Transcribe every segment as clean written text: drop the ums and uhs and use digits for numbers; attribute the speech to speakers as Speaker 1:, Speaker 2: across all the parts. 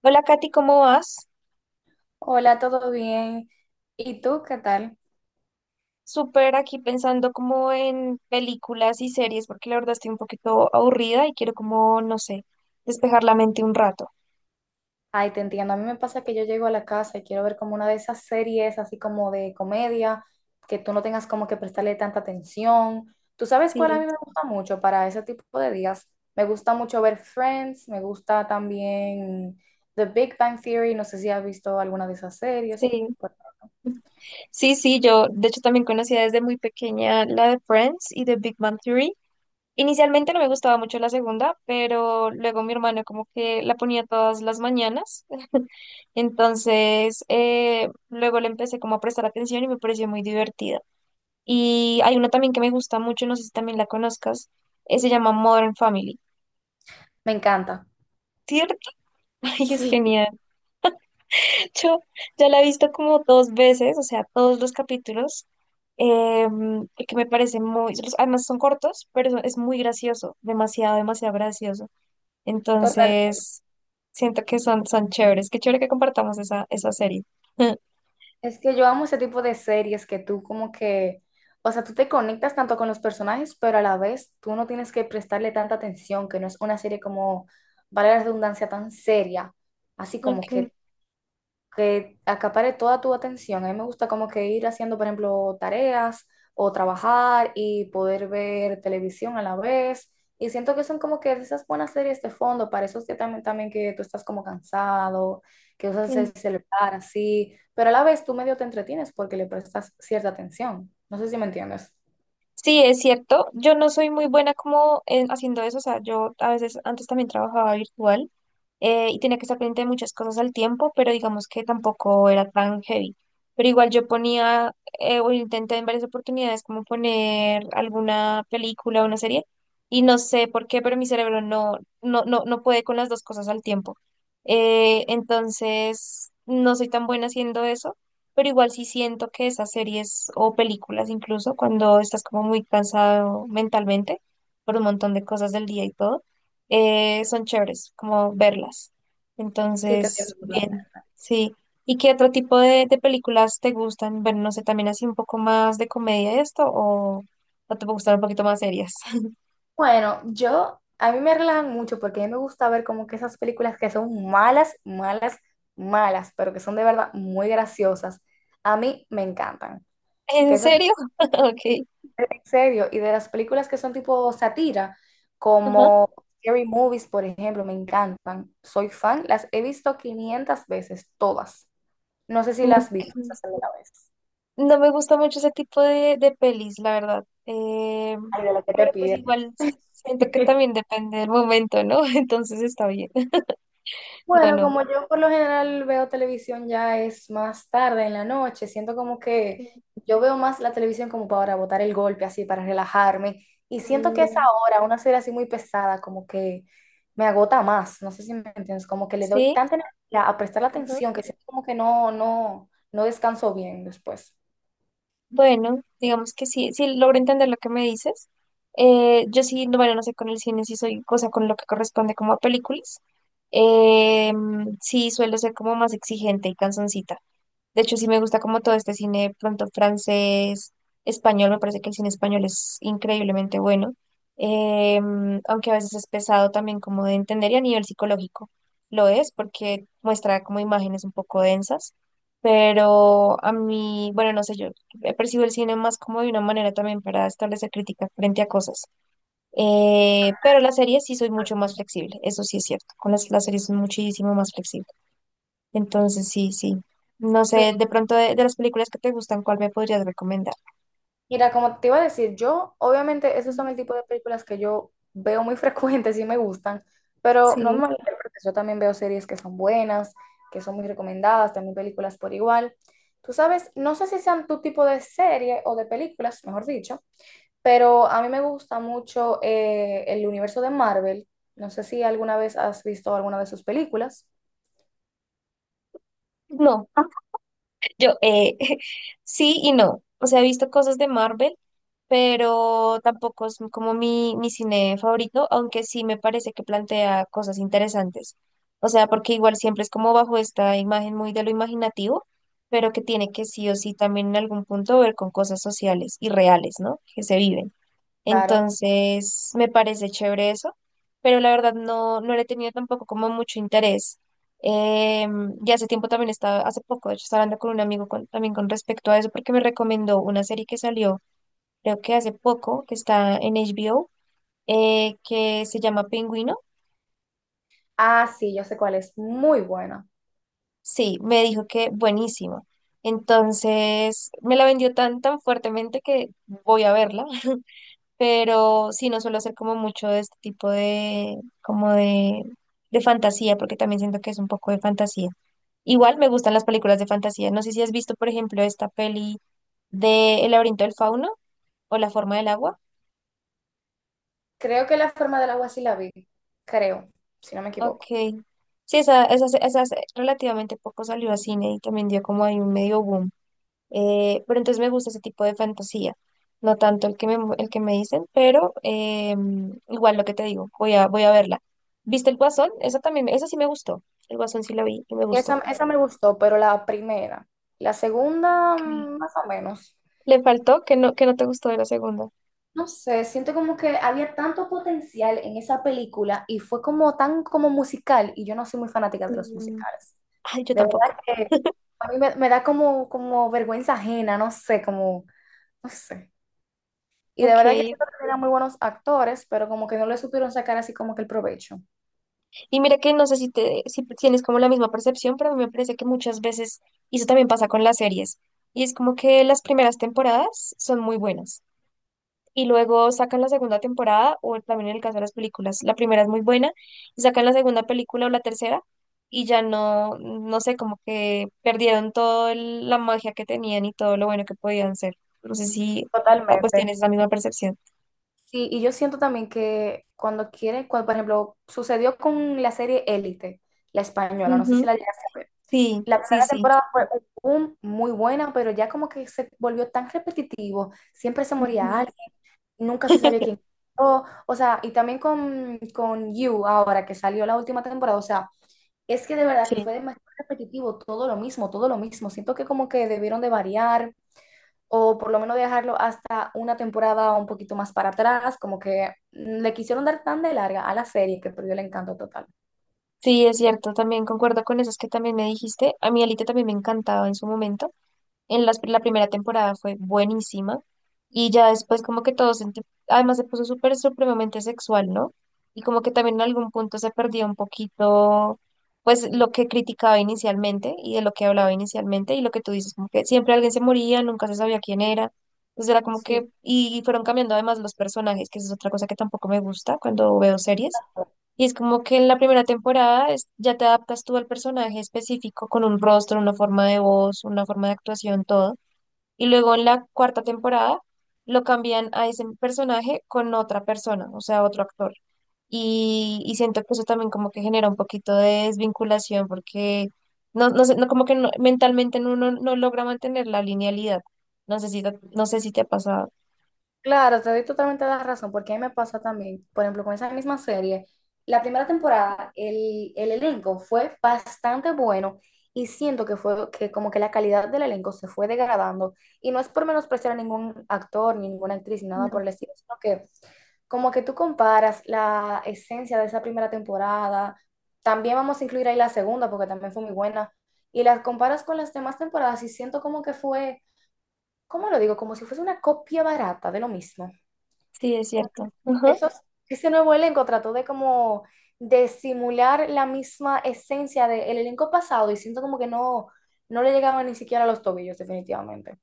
Speaker 1: Hola Katy, ¿cómo vas?
Speaker 2: Hola, ¿todo bien? ¿Y tú qué tal?
Speaker 1: Súper aquí pensando como en películas y series porque la verdad estoy un poquito aburrida y quiero como, no sé, despejar la mente un rato.
Speaker 2: Ay, te entiendo. A mí me pasa que yo llego a la casa y quiero ver como una de esas series así como de comedia, que tú no tengas como que prestarle tanta atención. ¿Tú sabes cuál a
Speaker 1: Sí,
Speaker 2: mí me gusta mucho para ese tipo de días? Me gusta mucho ver Friends, me gusta también The Big Bang Theory, no sé si has visto alguna de esas series.
Speaker 1: sí.
Speaker 2: Bueno.
Speaker 1: Sí, yo de hecho también conocía desde muy pequeña la de Friends y de Big Bang Theory. Inicialmente no me gustaba mucho la segunda, pero luego mi hermano como que la ponía todas las mañanas. Entonces, luego le empecé como a prestar atención y me pareció muy divertida. Y hay una también que me gusta mucho, no sé si también la conozcas, se llama Modern Family,
Speaker 2: Me encanta.
Speaker 1: ¿cierto? Ay, es
Speaker 2: Sí,
Speaker 1: genial. Yo ya la he visto como dos veces, o sea, todos los capítulos, porque me parece muy, además son cortos, pero es muy gracioso, demasiado, demasiado gracioso.
Speaker 2: totalmente.
Speaker 1: Entonces, siento que son, son chéveres. Qué chévere que compartamos esa, esa serie.
Speaker 2: Es que yo amo ese tipo de series que tú como que, o sea, tú te conectas tanto con los personajes, pero a la vez tú no tienes que prestarle tanta atención, que no es una serie como, vale la redundancia, tan seria, así como
Speaker 1: Ok.
Speaker 2: que acapare toda tu atención. A mí me gusta como que ir haciendo, por ejemplo, tareas o trabajar y poder ver televisión a la vez. Y siento que son como que esas buenas series de fondo para esos que también, también que tú estás como cansado, que usas el
Speaker 1: Mm.
Speaker 2: celular así, pero a la vez tú medio te entretienes porque le prestas cierta atención. No sé si me entiendes.
Speaker 1: Sí, es cierto. Yo no soy muy buena como haciendo eso. O sea, yo a veces antes también trabajaba virtual, y tenía que estar pendiente de muchas cosas al tiempo, pero digamos que tampoco era tan heavy. Pero igual yo ponía, o intenté en varias oportunidades como poner alguna película o una serie y no sé por qué, pero mi cerebro no puede con las dos cosas al tiempo. Entonces, no soy tan buena haciendo eso, pero igual sí siento que esas series o películas incluso, cuando estás como muy cansado mentalmente por un montón de cosas del día y todo, son chéveres, como verlas.
Speaker 2: Sí, te
Speaker 1: Entonces,
Speaker 2: entiendo.
Speaker 1: bien, sí. ¿Y qué otro tipo de películas te gustan? Bueno, no sé, también así un poco más de comedia esto o te gustan un poquito más serias.
Speaker 2: Bueno, yo, a mí me relajan mucho porque a mí me gusta ver como que esas películas que son malas, malas, malas, pero que son de verdad muy graciosas. A mí me encantan. Que
Speaker 1: ¿En
Speaker 2: esas,
Speaker 1: serio? Ok.
Speaker 2: en serio, y de las películas que son tipo sátira,
Speaker 1: Ajá.
Speaker 2: como Scary Movies, por ejemplo, me encantan. Soy fan, las he visto 500 veces, todas. No sé si las has visto
Speaker 1: Ok.
Speaker 2: esas alguna vez.
Speaker 1: No me gusta mucho ese tipo de pelis, la verdad.
Speaker 2: Ay, de lo que te
Speaker 1: Pero pues
Speaker 2: pides.
Speaker 1: igual siento que también depende del momento, ¿no? Entonces está bien. No,
Speaker 2: Bueno,
Speaker 1: no.
Speaker 2: como yo por lo general veo televisión ya es más tarde en la noche, siento como que
Speaker 1: Ok.
Speaker 2: yo veo más la televisión como para botar el golpe, así, para relajarme. Y siento que esa
Speaker 1: Mm,
Speaker 2: hora, una serie así muy pesada, como que me agota más. No sé si me entiendes, como que le doy
Speaker 1: sí.
Speaker 2: tanta energía a prestar la
Speaker 1: Ujú.
Speaker 2: atención que siento como que no, no, no descanso bien después.
Speaker 1: Bueno, digamos que sí, sí logro entender lo que me dices. Yo sí, no, bueno, no sé con el cine, sí soy cosa con lo que corresponde como a películas. Sí, suelo ser como más exigente y cansoncita. De hecho, sí me gusta como todo este cine pronto francés, español, me parece que el cine español es increíblemente bueno, aunque a veces es pesado también como de entender y a nivel psicológico lo es porque muestra como imágenes un poco densas, pero a mí, bueno, no sé, yo he percibido el cine más como de una manera también para establecer crítica frente a cosas, pero las series sí soy mucho más flexible, eso sí es cierto, con las series soy muchísimo más flexible. Entonces, sí, sí. No sé, de pronto de las películas que te gustan, ¿cuál me podrías recomendar?
Speaker 2: Mira, como te iba a decir, yo, obviamente, esos
Speaker 1: Mm,
Speaker 2: son el tipo de películas que yo veo muy frecuentes y me gustan, pero no me
Speaker 1: sí.
Speaker 2: malinterpretes, yo también veo series que son buenas, que son muy recomendadas, también películas por igual. Tú sabes, no sé si sean tu tipo de serie o de películas, mejor dicho, pero a mí me gusta mucho el universo de Marvel. No sé si alguna vez has visto alguna de sus películas.
Speaker 1: No, yo sí y no. O sea, he visto cosas de Marvel, pero tampoco es como mi cine favorito, aunque sí me parece que plantea cosas interesantes. O sea, porque igual siempre es como bajo esta imagen muy de lo imaginativo, pero que tiene que sí o sí también en algún punto ver con cosas sociales y reales, ¿no? Que se viven.
Speaker 2: Claro.
Speaker 1: Entonces, me parece chévere eso, pero la verdad no, no le he tenido tampoco como mucho interés. Eh, y hace tiempo también estaba, hace poco, de hecho, estaba hablando con un amigo también con respecto a eso, porque me recomendó una serie que salió, creo que hace poco, que está en HBO, que se llama Pingüino.
Speaker 2: Ah, sí, yo sé cuál es. Muy buena.
Speaker 1: Sí, me dijo que buenísimo. Entonces, me la vendió tan, tan fuertemente que voy a verla. Pero sí, no suelo hacer como mucho de este tipo de, como de fantasía, porque también siento que es un poco de fantasía. Igual me gustan las películas de fantasía. No sé si has visto, por ejemplo, esta peli de El laberinto del fauno o La forma del agua.
Speaker 2: Creo que La forma del agua sí la vi. Creo, si no me
Speaker 1: Ok.
Speaker 2: equivoco.
Speaker 1: Sí, esa hace relativamente poco salió a cine y también dio como ahí un medio boom. Pero entonces me gusta ese tipo de fantasía, no tanto el que me dicen, pero igual lo que te digo, voy a, voy a verla. ¿Viste el Guasón? Esa también, esa sí me gustó. El Guasón sí la vi y me gustó.
Speaker 2: Esa me gustó, pero la primera. La segunda,
Speaker 1: Ok.
Speaker 2: más o menos.
Speaker 1: Le faltó que no te gustó de la segunda.
Speaker 2: No sé, siento como que había tanto potencial en esa película y fue como tan como musical y yo no soy muy fanática de los
Speaker 1: Mm,
Speaker 2: musicales.
Speaker 1: ay, yo
Speaker 2: De verdad
Speaker 1: tampoco.
Speaker 2: que a mí me, me da como, como vergüenza ajena, no sé, como, no sé. Y de
Speaker 1: Ok.
Speaker 2: verdad que siento que eran muy buenos actores, pero como que no le supieron sacar así como que el provecho.
Speaker 1: Y mira que no sé si, te, si tienes como la misma percepción, pero a mí me parece que muchas veces, y eso también pasa con las series, y es como que las primeras temporadas son muy buenas y luego sacan la segunda temporada, o también en el caso de las películas, la primera es muy buena, y sacan la segunda película o la tercera, y ya no, no sé, como que perdieron toda la magia que tenían y todo lo bueno que podían ser. No sé si ah, pues tienes
Speaker 2: Totalmente.
Speaker 1: la misma percepción.
Speaker 2: Sí, y yo siento también que cuando quieren, cuando, por ejemplo, sucedió con la serie Élite, la española, no sé si
Speaker 1: Ujú,
Speaker 2: la llegaste a ver.
Speaker 1: sí,
Speaker 2: La
Speaker 1: sí,
Speaker 2: primera
Speaker 1: sí.
Speaker 2: temporada fue un boom, muy buena, pero ya como que se volvió tan repetitivo, siempre se moría
Speaker 1: Ujú.
Speaker 2: alguien, nunca se sabía quién. O sea, y también con You ahora que salió la última temporada, o sea, es que de verdad
Speaker 1: Sí,
Speaker 2: que fue demasiado repetitivo, todo lo mismo, todo lo mismo. Siento que como que debieron de variar, o por lo menos dejarlo hasta una temporada un poquito más para atrás, como que le quisieron dar tan de larga a la serie que perdió el encanto total.
Speaker 1: sí, es cierto, también concuerdo con eso, es que también me dijiste, a mí Alita también me encantaba en su momento. En la primera temporada fue buenísima y ya después como que todo se además se puso súper supremamente sexual, ¿no? Y como que también en algún punto se perdía un poquito pues lo que criticaba inicialmente y de lo que hablaba inicialmente y lo que tú dices, como que siempre alguien se moría, nunca se sabía quién era. Entonces era como que,
Speaker 2: Sí.
Speaker 1: y fueron cambiando además los personajes, que esa es otra cosa que tampoco me gusta cuando veo series y es como que en la primera temporada ya te adaptas tú al personaje específico con un rostro, una forma de voz, una forma de actuación, todo. Y luego en la cuarta temporada lo cambian a ese personaje con otra persona, o sea, otro actor. Y siento que eso también como que genera un poquito de desvinculación porque no, no sé, no, como que mentalmente uno no logra mantener la linealidad. No sé si, no sé si te ha pasado.
Speaker 2: Claro, te doy totalmente la razón, porque a mí me pasa también, por ejemplo, con esa misma serie, la primera temporada, el elenco fue bastante bueno y siento que fue que como que la calidad del elenco se fue degradando y no es por menospreciar a ningún actor, ni ninguna actriz, ni nada por
Speaker 1: No.
Speaker 2: el estilo, sino que como que tú comparas la esencia de esa primera temporada, también vamos a incluir ahí la segunda, porque también fue muy buena, y las comparas con las demás temporadas y siento como que fue, ¿cómo lo digo? Como si fuese una copia barata de lo mismo.
Speaker 1: Sí, es cierto.
Speaker 2: Esos, ese nuevo elenco trató de como de simular la misma esencia del elenco pasado y siento como que no, no le llegaban ni siquiera a los tobillos, definitivamente.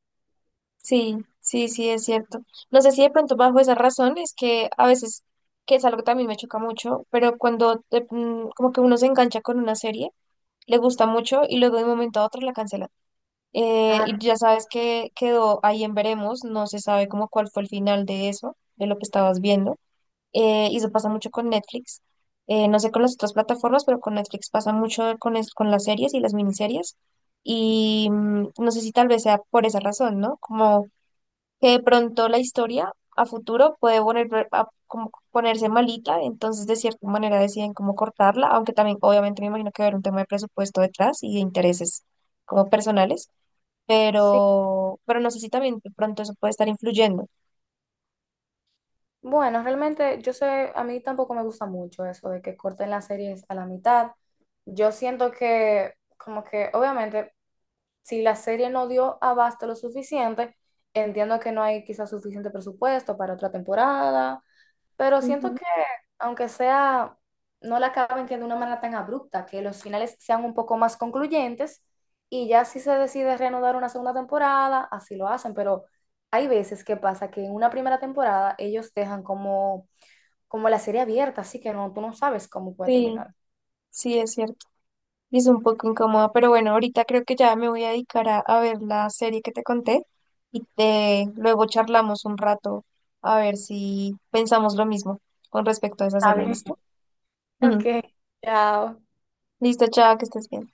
Speaker 1: Sí, sí, sí, es cierto. No sé si de pronto bajo esa razón es que a veces, que es algo que también me choca mucho, pero cuando como que uno se engancha con una serie, le gusta mucho y luego de un momento a otro la cancela. Y
Speaker 2: Ah,
Speaker 1: ya sabes que quedó ahí en veremos, no se sabe como cuál fue el final de eso, de lo que estabas viendo. Y eso pasa mucho con Netflix. No sé con las otras plataformas, pero con Netflix pasa mucho con, con las series y las miniseries. Y mm, no sé si tal vez sea por esa razón, ¿no? Como que de pronto la historia a futuro puede poner, como ponerse malita, entonces de cierta manera deciden cómo cortarla, aunque también obviamente me imagino que va a haber un tema de presupuesto detrás y de intereses como personales,
Speaker 2: sí.
Speaker 1: pero no sé si también de pronto eso puede estar influyendo.
Speaker 2: Bueno, realmente yo sé, a mí tampoco me gusta mucho eso de que corten las series a la mitad. Yo siento que, como que, obviamente, si la serie no dio abasto lo suficiente, entiendo que no hay quizás suficiente presupuesto para otra temporada, pero siento
Speaker 1: Ujú.
Speaker 2: que aunque sea, no la acaben que de una manera tan abrupta, que los finales sean un poco más concluyentes y ya si se decide reanudar una segunda temporada, así lo hacen, pero hay veces que pasa que en una primera temporada ellos dejan como, como la serie abierta, así que no, tú no sabes cómo puede
Speaker 1: Sí,
Speaker 2: terminar.
Speaker 1: sí, es cierto. Y es un poco incómodo, pero bueno, ahorita creo que ya me voy a dedicar a ver la serie que te conté y te, luego charlamos un rato a ver si pensamos lo mismo con respecto a esa
Speaker 2: Está
Speaker 1: serie,
Speaker 2: bien.
Speaker 1: ¿listo?
Speaker 2: Ok,
Speaker 1: Ujú.
Speaker 2: chao.
Speaker 1: Listo, chao, que estés bien.